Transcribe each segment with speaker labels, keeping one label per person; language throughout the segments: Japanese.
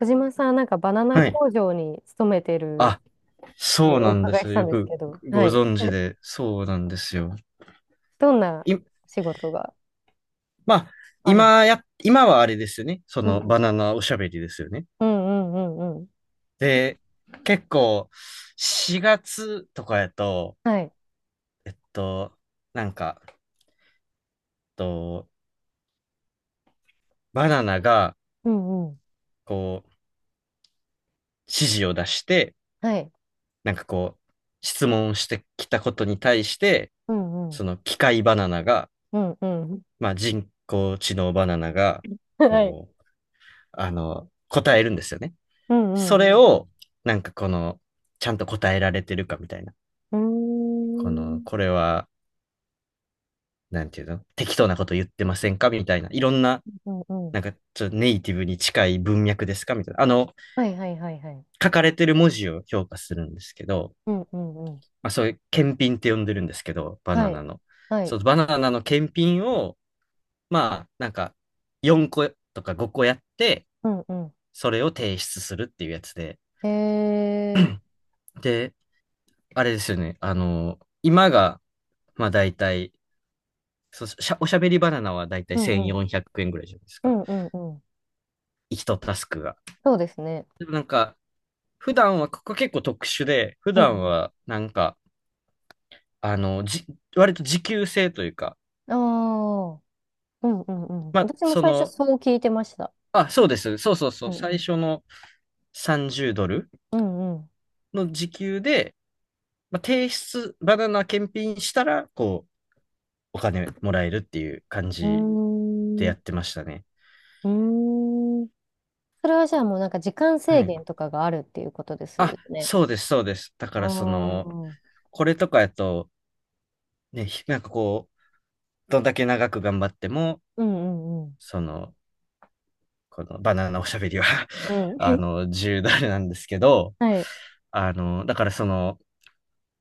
Speaker 1: 小島さん、なんかバナナ
Speaker 2: はい。
Speaker 1: 工場に勤めてる
Speaker 2: あ、
Speaker 1: っ
Speaker 2: そう
Speaker 1: てお
Speaker 2: なんで
Speaker 1: 伺いし
Speaker 2: す。
Speaker 1: たん
Speaker 2: よ
Speaker 1: です
Speaker 2: く
Speaker 1: けど、は
Speaker 2: ご
Speaker 1: い。
Speaker 2: 存知で、そうなんですよ。
Speaker 1: どんな
Speaker 2: い、
Speaker 1: 仕事が
Speaker 2: まあ、
Speaker 1: あるの？
Speaker 2: 今はあれですよね。そ
Speaker 1: う
Speaker 2: の
Speaker 1: ん
Speaker 2: バナナおしゃべりですよね。
Speaker 1: うんうんうんうん。
Speaker 2: で、結構、4月とかやと、
Speaker 1: はい。
Speaker 2: えっと、なんか、と、バナナが、
Speaker 1: うんうん。
Speaker 2: こう、指示を出して、
Speaker 1: はい。
Speaker 2: なんかこう、質問してきたことに対して、
Speaker 1: うんう
Speaker 2: そ
Speaker 1: ん。
Speaker 2: の機械バナナが、
Speaker 1: うんうん。
Speaker 2: まあ、人工知能バナナが、
Speaker 1: はい。
Speaker 2: こう、答えるんですよね。
Speaker 1: うん
Speaker 2: そ
Speaker 1: う
Speaker 2: れ
Speaker 1: んうん。
Speaker 2: を、なんかこの、ちゃんと答えられてるかみたいな。
Speaker 1: うーん。
Speaker 2: これは、なんていうの適当なこと言ってませんかみたいな。いろんな、
Speaker 1: うんうん。
Speaker 2: なんかちょっとネイティブに近い文脈ですかみたいな。
Speaker 1: はいはいはいはい。
Speaker 2: 書かれてる文字を評価するんですけど、
Speaker 1: うんうんうん。
Speaker 2: まあそういう検品って呼んでるんですけど、バナ
Speaker 1: は
Speaker 2: ナ
Speaker 1: い。
Speaker 2: の。
Speaker 1: はい。
Speaker 2: そのバナナの検品を、まあ、なんか、4個とか5個やって、
Speaker 1: うんうん。
Speaker 2: それを提出するっていうやつで。
Speaker 1: へえ。
Speaker 2: で、あれですよね。今が、まあ大体、そしゃ、おしゃべりバナナは大体
Speaker 1: うんうん。
Speaker 2: 1400円ぐらいじゃないです
Speaker 1: う
Speaker 2: か。
Speaker 1: んうんうん。
Speaker 2: 一タスクが。
Speaker 1: そうですね。
Speaker 2: でもなんか、普段は、ここ結構特殊で、普
Speaker 1: うん
Speaker 2: 段
Speaker 1: うん。
Speaker 2: は、なんか、あの、じ、割と時給制というか、
Speaker 1: ああ。うんうんうん。
Speaker 2: まあ、
Speaker 1: 私も最初そう聞いてました。
Speaker 2: あ、そうです。そうそうそ
Speaker 1: う
Speaker 2: う。
Speaker 1: んう
Speaker 2: 最
Speaker 1: ん。
Speaker 2: 初の30ドル
Speaker 1: うんうん。
Speaker 2: の時給で、まあ、バナナ検品したら、こう、お金もらえるっていう感じ
Speaker 1: う
Speaker 2: で
Speaker 1: ー
Speaker 2: やって
Speaker 1: ん。
Speaker 2: ましたね。
Speaker 1: うーん。それはじゃあもうなんか時間制
Speaker 2: はい。
Speaker 1: 限とかがあるっていうことですよ
Speaker 2: あ、
Speaker 1: ね。
Speaker 2: そうです、そうです。だか
Speaker 1: ああ。
Speaker 2: らその、
Speaker 1: うん
Speaker 2: これとかやと、ね、なんかこう、どんだけ長く頑張っても、
Speaker 1: うんうん。
Speaker 2: その、このバナナおしゃべりは
Speaker 1: うん。
Speaker 2: 自由だれなんですけど、
Speaker 1: はい。
Speaker 2: だからその、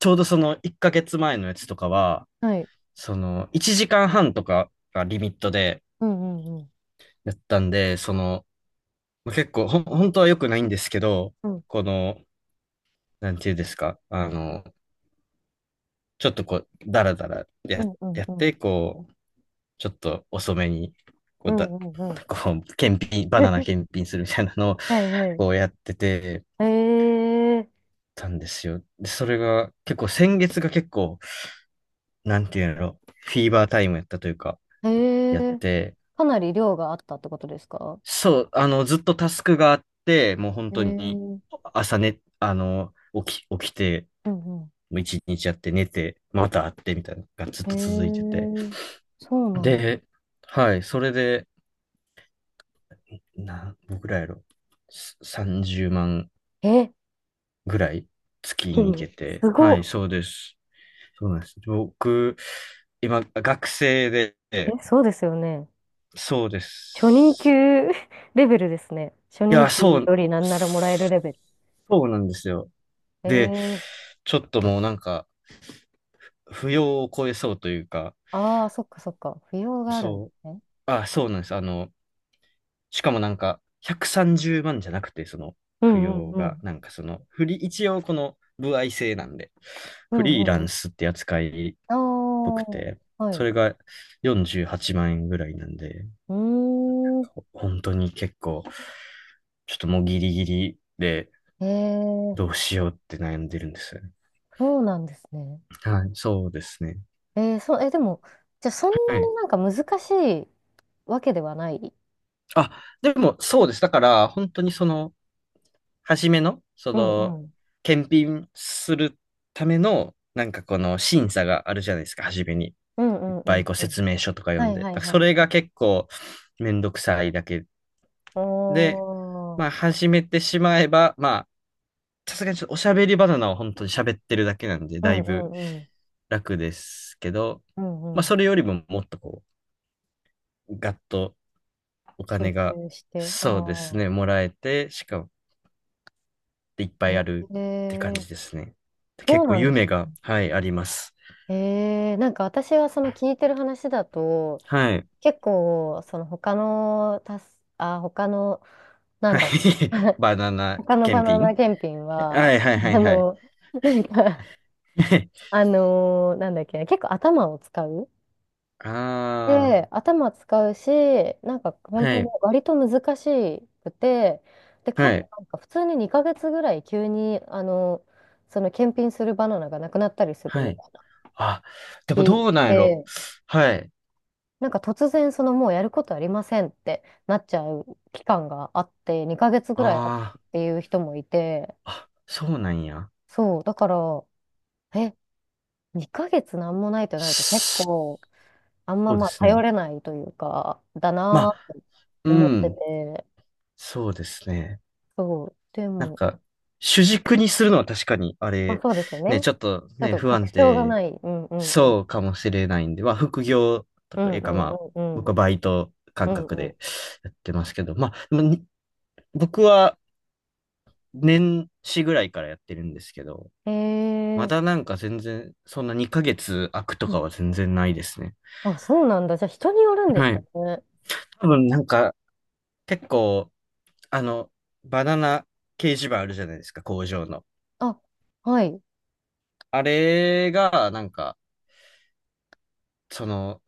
Speaker 2: ちょうどその1ヶ月前のやつとかは、
Speaker 1: はい。
Speaker 2: その、1時間半とかがリミットで
Speaker 1: うんうんうん。
Speaker 2: やったんで、結構、本当は良くないんですけど、
Speaker 1: うん
Speaker 2: この、なんていうんですか、ちょっとこう、だらだら
Speaker 1: う
Speaker 2: や、
Speaker 1: んうん
Speaker 2: やっ
Speaker 1: うん。
Speaker 2: て、こう、ちょっと遅めに、こ
Speaker 1: う
Speaker 2: う
Speaker 1: ん
Speaker 2: だ、
Speaker 1: うんうん。
Speaker 2: こう、バナナ 検品するみたいなのを、
Speaker 1: はいはい。
Speaker 2: こうやってて、
Speaker 1: ええ
Speaker 2: たんですよ。で、それが、結構先月が結構、なんていうの、フィーバータイムやったというか、
Speaker 1: え
Speaker 2: やっ
Speaker 1: え、
Speaker 2: て、
Speaker 1: かなり量があったってことですか？
Speaker 2: そう、ずっとタスクがあって、もう本当に、
Speaker 1: ええ。
Speaker 2: 朝ね、起きて、
Speaker 1: うんうん。
Speaker 2: もう一日やって寝て、また会ってみたいなのがずっ
Speaker 1: え
Speaker 2: と続いてて。
Speaker 1: え、そうなんだ。
Speaker 2: で、はい、それで、僕らやろ、30万
Speaker 1: え、
Speaker 2: ぐらい月
Speaker 1: 月
Speaker 2: に行け
Speaker 1: に。
Speaker 2: て。
Speaker 1: すご
Speaker 2: はい、
Speaker 1: っ。
Speaker 2: そうです。そうなんです。僕、今、学生で、
Speaker 1: え、そうですよね。
Speaker 2: そうで
Speaker 1: 初任
Speaker 2: す。
Speaker 1: 給 レベルですね。初
Speaker 2: い
Speaker 1: 任
Speaker 2: や、
Speaker 1: 給
Speaker 2: そう、
Speaker 1: よりなんならもらえる
Speaker 2: そ
Speaker 1: レベル。
Speaker 2: うなんですよ。で、
Speaker 1: ええ。
Speaker 2: ちょっともうなんか、扶養を超えそうというか、
Speaker 1: ああー、そっかそっか。扶養があるんで
Speaker 2: そう、
Speaker 1: すね。
Speaker 2: あ、そうなんです。しかもなんか、130万じゅうまんじゃなくて、
Speaker 1: う
Speaker 2: 扶
Speaker 1: ん
Speaker 2: 養
Speaker 1: うんう
Speaker 2: が、
Speaker 1: ん。
Speaker 2: なんかその、フリー、一応この、歩合制なんで、
Speaker 1: う
Speaker 2: フ
Speaker 1: んう
Speaker 2: リーラ
Speaker 1: んう
Speaker 2: ン
Speaker 1: ん。
Speaker 2: スって扱い
Speaker 1: あ
Speaker 2: ぽく
Speaker 1: あ、
Speaker 2: て、
Speaker 1: は
Speaker 2: そ
Speaker 1: い。
Speaker 2: れが48万円ぐらいなんで、
Speaker 1: うーん。
Speaker 2: 本当に結構、ちょっともうギリギリで
Speaker 1: え
Speaker 2: どう
Speaker 1: え、
Speaker 2: しようって悩んでるんですよね。
Speaker 1: そうなんですね。
Speaker 2: はい、そうですね。
Speaker 1: ええそう、え、でも、じゃあそん
Speaker 2: は
Speaker 1: な
Speaker 2: い。
Speaker 1: になんか難しいわけではない。
Speaker 2: あ、でもそうです。だから、本当に初めの、
Speaker 1: うんうん。
Speaker 2: 検品するための、なんかこの審査があるじゃないですか、初めに。
Speaker 1: うん
Speaker 2: いっ
Speaker 1: うんう
Speaker 2: ぱい
Speaker 1: ん
Speaker 2: こう
Speaker 1: うん。
Speaker 2: 説明書とか
Speaker 1: は
Speaker 2: 読ん
Speaker 1: い
Speaker 2: で。だ
Speaker 1: はい
Speaker 2: から
Speaker 1: は
Speaker 2: そ
Speaker 1: い。
Speaker 2: れが結構めんどくさいだけ
Speaker 1: お
Speaker 2: で、
Speaker 1: ー。
Speaker 2: まあ始めてしまえば、まさすがにちょっとおしゃべりバナナを本当に喋ってるだけなんで、
Speaker 1: う
Speaker 2: だ
Speaker 1: ん
Speaker 2: い
Speaker 1: う
Speaker 2: ぶ
Speaker 1: んうん。
Speaker 2: 楽ですけど、
Speaker 1: う
Speaker 2: まあ
Speaker 1: んうん。
Speaker 2: それよりももっとこう、ガッとお
Speaker 1: 集
Speaker 2: 金が、
Speaker 1: 中して。あ
Speaker 2: そうです
Speaker 1: あ。
Speaker 2: ね、もらえて、しかもいっぱいある
Speaker 1: え
Speaker 2: って感
Speaker 1: え、
Speaker 2: じですね。
Speaker 1: そ
Speaker 2: 結
Speaker 1: う
Speaker 2: 構
Speaker 1: なんで
Speaker 2: 夢
Speaker 1: す。
Speaker 2: が、はい、あります。
Speaker 1: ええ、なんか私はその聞いてる話だと、
Speaker 2: はい。
Speaker 1: 結構、その他の、たす、あ、他の、なん
Speaker 2: はい。
Speaker 1: だろう。
Speaker 2: バナナ
Speaker 1: 他のバ
Speaker 2: 検
Speaker 1: ナナ
Speaker 2: 品
Speaker 1: 検品は、
Speaker 2: はいはい
Speaker 1: あ
Speaker 2: はいはい。
Speaker 1: の、なんか、あのなんだっけ、結構頭を使う。
Speaker 2: あ
Speaker 1: で、頭使うし、なんか
Speaker 2: あ、
Speaker 1: 本
Speaker 2: は
Speaker 1: 当に
Speaker 2: い、
Speaker 1: 割と難しくて、で、か
Speaker 2: は
Speaker 1: つ
Speaker 2: い、
Speaker 1: なんか普通に2ヶ月ぐらい急に、あの、その検品するバナナがなくなったりする
Speaker 2: は
Speaker 1: み
Speaker 2: い。
Speaker 1: たいな
Speaker 2: あ、でも
Speaker 1: 聞い
Speaker 2: どうなんやろ
Speaker 1: て、
Speaker 2: はい。
Speaker 1: なんか突然そのもうやることありませんってなっちゃう期間があって、2ヶ月
Speaker 2: あ
Speaker 1: ぐらいあった
Speaker 2: ー
Speaker 1: っていう人もいて、
Speaker 2: あ、そうなんや。
Speaker 1: そう、だから、え、2ヶ月なんもないとなると結構、あんま
Speaker 2: そうで
Speaker 1: まあ
Speaker 2: す
Speaker 1: 頼
Speaker 2: ね。
Speaker 1: れないというか、だ
Speaker 2: ま
Speaker 1: なぁ
Speaker 2: あ、
Speaker 1: と
Speaker 2: う
Speaker 1: 思って
Speaker 2: ん、
Speaker 1: て、
Speaker 2: そうですね。
Speaker 1: そう。で
Speaker 2: なん
Speaker 1: も、
Speaker 2: か、主軸にするのは確かに、あ
Speaker 1: まあ
Speaker 2: れ、
Speaker 1: そうですよ
Speaker 2: ね、
Speaker 1: ね。
Speaker 2: ちょっと
Speaker 1: ちょっ
Speaker 2: ね、
Speaker 1: と
Speaker 2: 不
Speaker 1: 確
Speaker 2: 安
Speaker 1: 証が
Speaker 2: 定
Speaker 1: ない。うんうんうん。
Speaker 2: そうかもしれないんで、まあ、副業と
Speaker 1: う
Speaker 2: か
Speaker 1: ん
Speaker 2: いう
Speaker 1: う
Speaker 2: か、
Speaker 1: ん
Speaker 2: ま
Speaker 1: う
Speaker 2: あ、
Speaker 1: んう
Speaker 2: 僕は
Speaker 1: ん。
Speaker 2: バイト
Speaker 1: う
Speaker 2: 感
Speaker 1: ん
Speaker 2: 覚
Speaker 1: う
Speaker 2: でやってますけど、まあ、でもに僕は年始ぐらいからやってるんですけど、
Speaker 1: ん。へ
Speaker 2: ま
Speaker 1: え。
Speaker 2: だなんか全然、そんな2ヶ月空くと
Speaker 1: う
Speaker 2: か
Speaker 1: ん。
Speaker 2: は全然ないですね。
Speaker 1: あ、そうなんだ。じゃあ人によるんです
Speaker 2: は
Speaker 1: か
Speaker 2: い。
Speaker 1: ね。
Speaker 2: 多分なんか、結構、あの、バナナ掲示板あるじゃないですか、工場の。
Speaker 1: あ、はい。
Speaker 2: あれが、なんか、その、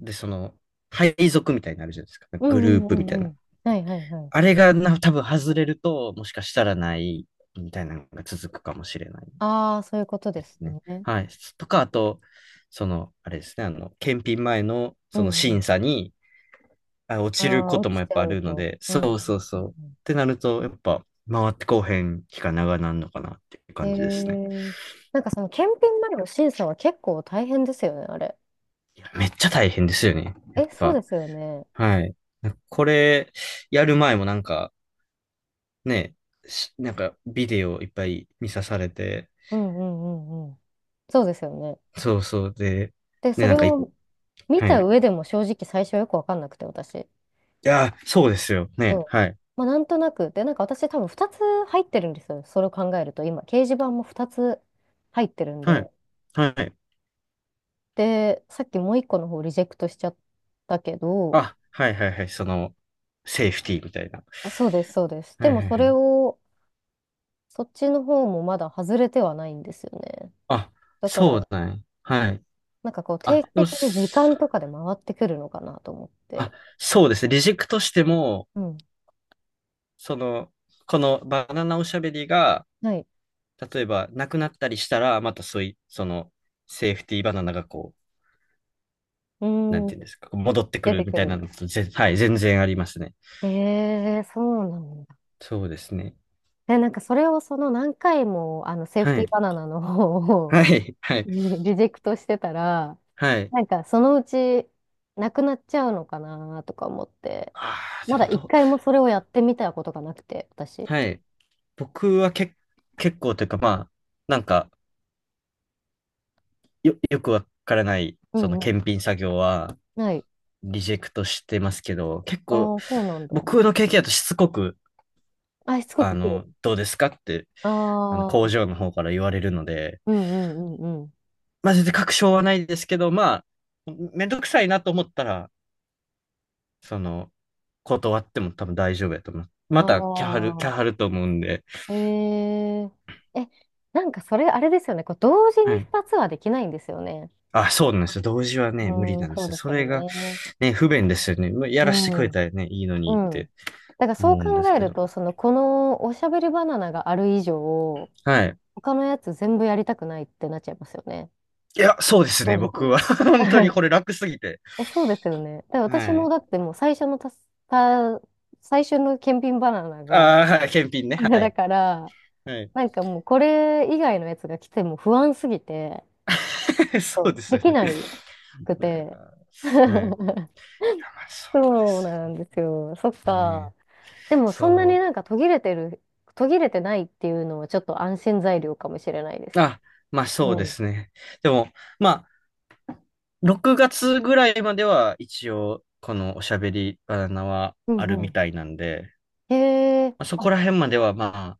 Speaker 2: で、配属みたいになるじゃないですか。
Speaker 1: う
Speaker 2: グ
Speaker 1: ん
Speaker 2: ルー
Speaker 1: うんう
Speaker 2: プみたい
Speaker 1: んう
Speaker 2: な。
Speaker 1: ん。はいはいはい。
Speaker 2: あれがな、多分外れると、もしかしたらない、みたいなのが続くかもしれない
Speaker 1: ああ、そういうこと
Speaker 2: で
Speaker 1: で
Speaker 2: す
Speaker 1: す
Speaker 2: ね。
Speaker 1: ね。
Speaker 2: はい。とか、あと、あれですね、検品前の、
Speaker 1: う
Speaker 2: その
Speaker 1: んう
Speaker 2: 審
Speaker 1: ん。
Speaker 2: 査に、あ、落
Speaker 1: あ
Speaker 2: ちる
Speaker 1: あ、
Speaker 2: こと
Speaker 1: 落
Speaker 2: も
Speaker 1: ち
Speaker 2: やっ
Speaker 1: ち
Speaker 2: ぱ
Speaker 1: ゃ
Speaker 2: あ
Speaker 1: う
Speaker 2: るの
Speaker 1: と。
Speaker 2: で、
Speaker 1: うんう
Speaker 2: そ
Speaker 1: ん
Speaker 2: うそう
Speaker 1: う
Speaker 2: そう。っ
Speaker 1: ん
Speaker 2: てなると、やっぱ、回ってこうへん期間長なんのかなっていう
Speaker 1: う
Speaker 2: 感じですね。
Speaker 1: ん。へえ。なんかその検品までの審査は結構大変ですよね、あれ。
Speaker 2: めっちゃ大変ですよね。やっ
Speaker 1: え、そう
Speaker 2: ぱ。
Speaker 1: ですよね。
Speaker 2: はい。なんかこれ、やる前もなんか、ね、しなんか、ビデオいっぱい見さされて、
Speaker 1: うんうんうんうん。そうですよね。
Speaker 2: そうそうで、
Speaker 1: で、
Speaker 2: ね、
Speaker 1: そ
Speaker 2: なん
Speaker 1: れ
Speaker 2: かい、
Speaker 1: を、見
Speaker 2: はい。
Speaker 1: た上
Speaker 2: い
Speaker 1: でも正直最初はよくわかんなくて、私。
Speaker 2: やー、そうですよ。
Speaker 1: う
Speaker 2: ね、
Speaker 1: ん。
Speaker 2: はい。
Speaker 1: まあ、なんとなく。で、なんか私多分2つ入ってるんですよ。それを考えると、今、掲示板も2つ入ってるん
Speaker 2: はい。
Speaker 1: で。
Speaker 2: はい。
Speaker 1: で、さっきもう1個の方リジェクトしちゃったけど、
Speaker 2: あ、はいはいはい。その、セーフティーみたいな。
Speaker 1: あ、そうです、そうです。
Speaker 2: は
Speaker 1: で
Speaker 2: い
Speaker 1: も
Speaker 2: はい
Speaker 1: そ
Speaker 2: は
Speaker 1: れ
Speaker 2: い。
Speaker 1: を、そっちの方もまだ外れてはないんですよね。
Speaker 2: あ、
Speaker 1: だか
Speaker 2: そう
Speaker 1: ら、
Speaker 2: だね。はい。
Speaker 1: なんかこう、
Speaker 2: あ、
Speaker 1: 定期
Speaker 2: でも、
Speaker 1: 的に時間とかで回ってくるのかなと思っ
Speaker 2: あ、
Speaker 1: て。
Speaker 2: そうですね。リジェクトしても、
Speaker 1: うん。
Speaker 2: その、このバナナおしゃべりが、
Speaker 1: はい。
Speaker 2: 例えば、なくなったりしたら、またそういう、セーフティーバナナがこ
Speaker 1: う
Speaker 2: う、なん
Speaker 1: ー
Speaker 2: てい
Speaker 1: ん、
Speaker 2: うんですか、戻ってく
Speaker 1: 出
Speaker 2: る
Speaker 1: て
Speaker 2: み
Speaker 1: く
Speaker 2: たいな
Speaker 1: る。
Speaker 2: のと、はい、全然ありますね。
Speaker 1: ええ、そうなの。
Speaker 2: そうですね。
Speaker 1: で、なんかそれをその何回もあのセーフ
Speaker 2: は
Speaker 1: ティー
Speaker 2: い。
Speaker 1: バナナの方を
Speaker 2: はい。は い。
Speaker 1: リジェクトしてたら、
Speaker 2: はい。
Speaker 1: なんかそのうちなくなっちゃうのかなとか思って、
Speaker 2: ああ、で
Speaker 1: まだ
Speaker 2: もど
Speaker 1: 一
Speaker 2: う、
Speaker 1: 回もそれをやってみたことがなくて、私。
Speaker 2: はい。僕は結構というか、まあ、なんか、よくわからない、
Speaker 1: う
Speaker 2: その
Speaker 1: んうん。
Speaker 2: 検品作業は、
Speaker 1: ない。
Speaker 2: リジェクトしてますけど、結構、
Speaker 1: ああ、そうなんだ。
Speaker 2: 僕の経験だとしつこく、
Speaker 1: あ、しつこく来る。
Speaker 2: どうですかって、
Speaker 1: あ
Speaker 2: 工
Speaker 1: あ、
Speaker 2: 場の方から言われるので、
Speaker 1: うんうんうんうん。
Speaker 2: まあ、全然確証はないですけど、まあ、めんどくさいなと思ったら、その、断っても多分大丈夫やと思います。また、キャハル、キャ
Speaker 1: あ
Speaker 2: ハルと思うんで。
Speaker 1: あ、ええ。え、なんかそれあれですよね。こう同時
Speaker 2: は
Speaker 1: に
Speaker 2: い。
Speaker 1: 2つはできないんですよね。
Speaker 2: あ、そうなんですよ。同時はね、
Speaker 1: う
Speaker 2: 無理な
Speaker 1: ん、
Speaker 2: んで
Speaker 1: そう
Speaker 2: すよ。
Speaker 1: です
Speaker 2: そ
Speaker 1: よ
Speaker 2: れが、
Speaker 1: ね。
Speaker 2: ね、不便ですよね。まあや
Speaker 1: う
Speaker 2: らしてく
Speaker 1: ん。
Speaker 2: れ
Speaker 1: う
Speaker 2: たらね、いいのにって
Speaker 1: ん。だからそ
Speaker 2: 思
Speaker 1: う
Speaker 2: うんで
Speaker 1: 考
Speaker 2: す
Speaker 1: え
Speaker 2: け
Speaker 1: る
Speaker 2: ど。
Speaker 1: と、その、このおしゃべりバナナがある以上、
Speaker 2: はい。
Speaker 1: 他のやつ全部やりたくないってなっちゃいますよね。
Speaker 2: いや、そうです
Speaker 1: 正
Speaker 2: ね、僕
Speaker 1: 直。
Speaker 2: は。本当にこれ 楽すぎて。
Speaker 1: え、そうですよね。だから私
Speaker 2: は
Speaker 1: も
Speaker 2: い。
Speaker 1: だってもう最初のたす、た、最初の検品バナナが、
Speaker 2: ああ、はい、
Speaker 1: こ
Speaker 2: 検品ね。
Speaker 1: れ
Speaker 2: は
Speaker 1: だ
Speaker 2: い。
Speaker 1: から、
Speaker 2: はい。
Speaker 1: なんかもうこれ以外のやつが来ても不安すぎて、
Speaker 2: そう
Speaker 1: そう
Speaker 2: です
Speaker 1: で
Speaker 2: よ
Speaker 1: き
Speaker 2: ね。
Speaker 1: ないく て。
Speaker 2: あーはい。いや、まあ、そうで
Speaker 1: そう
Speaker 2: す
Speaker 1: なんですよ。そっ
Speaker 2: よね。
Speaker 1: か。でもそんな
Speaker 2: そ
Speaker 1: に
Speaker 2: う。
Speaker 1: なんか途切れてる、途切れてないっていうのはちょっと安心材料かもしれないです。
Speaker 2: あ、まあ
Speaker 1: う
Speaker 2: そうで
Speaker 1: ん。
Speaker 2: すね。でも、まあ、6月ぐらいまでは一応、このおしゃべりバナナは
Speaker 1: う
Speaker 2: ある
Speaker 1: ん
Speaker 2: み
Speaker 1: う
Speaker 2: たいなんで、
Speaker 1: ん。へえ。
Speaker 2: まあ、そ
Speaker 1: あ、
Speaker 2: こら辺まではま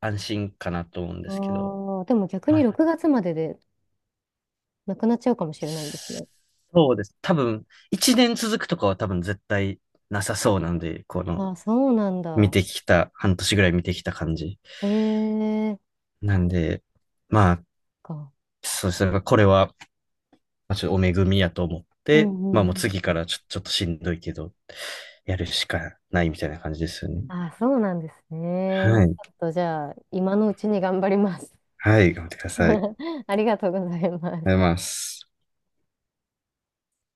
Speaker 2: あ、安心かなと思うんですけど、
Speaker 1: でも逆
Speaker 2: ま
Speaker 1: に6
Speaker 2: あ
Speaker 1: 月まででなくなっちゃうかもしれないんですね。
Speaker 2: そうです。多分、1年続くとかは多分絶対なさそうなんで、
Speaker 1: あ、そうなん
Speaker 2: 見
Speaker 1: だ。
Speaker 2: てきた、半年ぐらい見てきた感じ。
Speaker 1: へえ。
Speaker 2: なんで、まあ、
Speaker 1: か。
Speaker 2: そうですね。これはまあ、ちょっとお恵みやと思っ
Speaker 1: う
Speaker 2: て、まあ
Speaker 1: んう
Speaker 2: もう
Speaker 1: ん
Speaker 2: 次
Speaker 1: う
Speaker 2: か
Speaker 1: ん。
Speaker 2: らちょっとしんどいけど、やるしかないみたいな感じですよね。
Speaker 1: あ、そうなんですね。
Speaker 2: はい。
Speaker 1: ちょっとじゃあ、今のうちに頑張ります。
Speaker 2: はい、頑張ってください。ありがと
Speaker 1: ありがとうございます。
Speaker 2: うございます。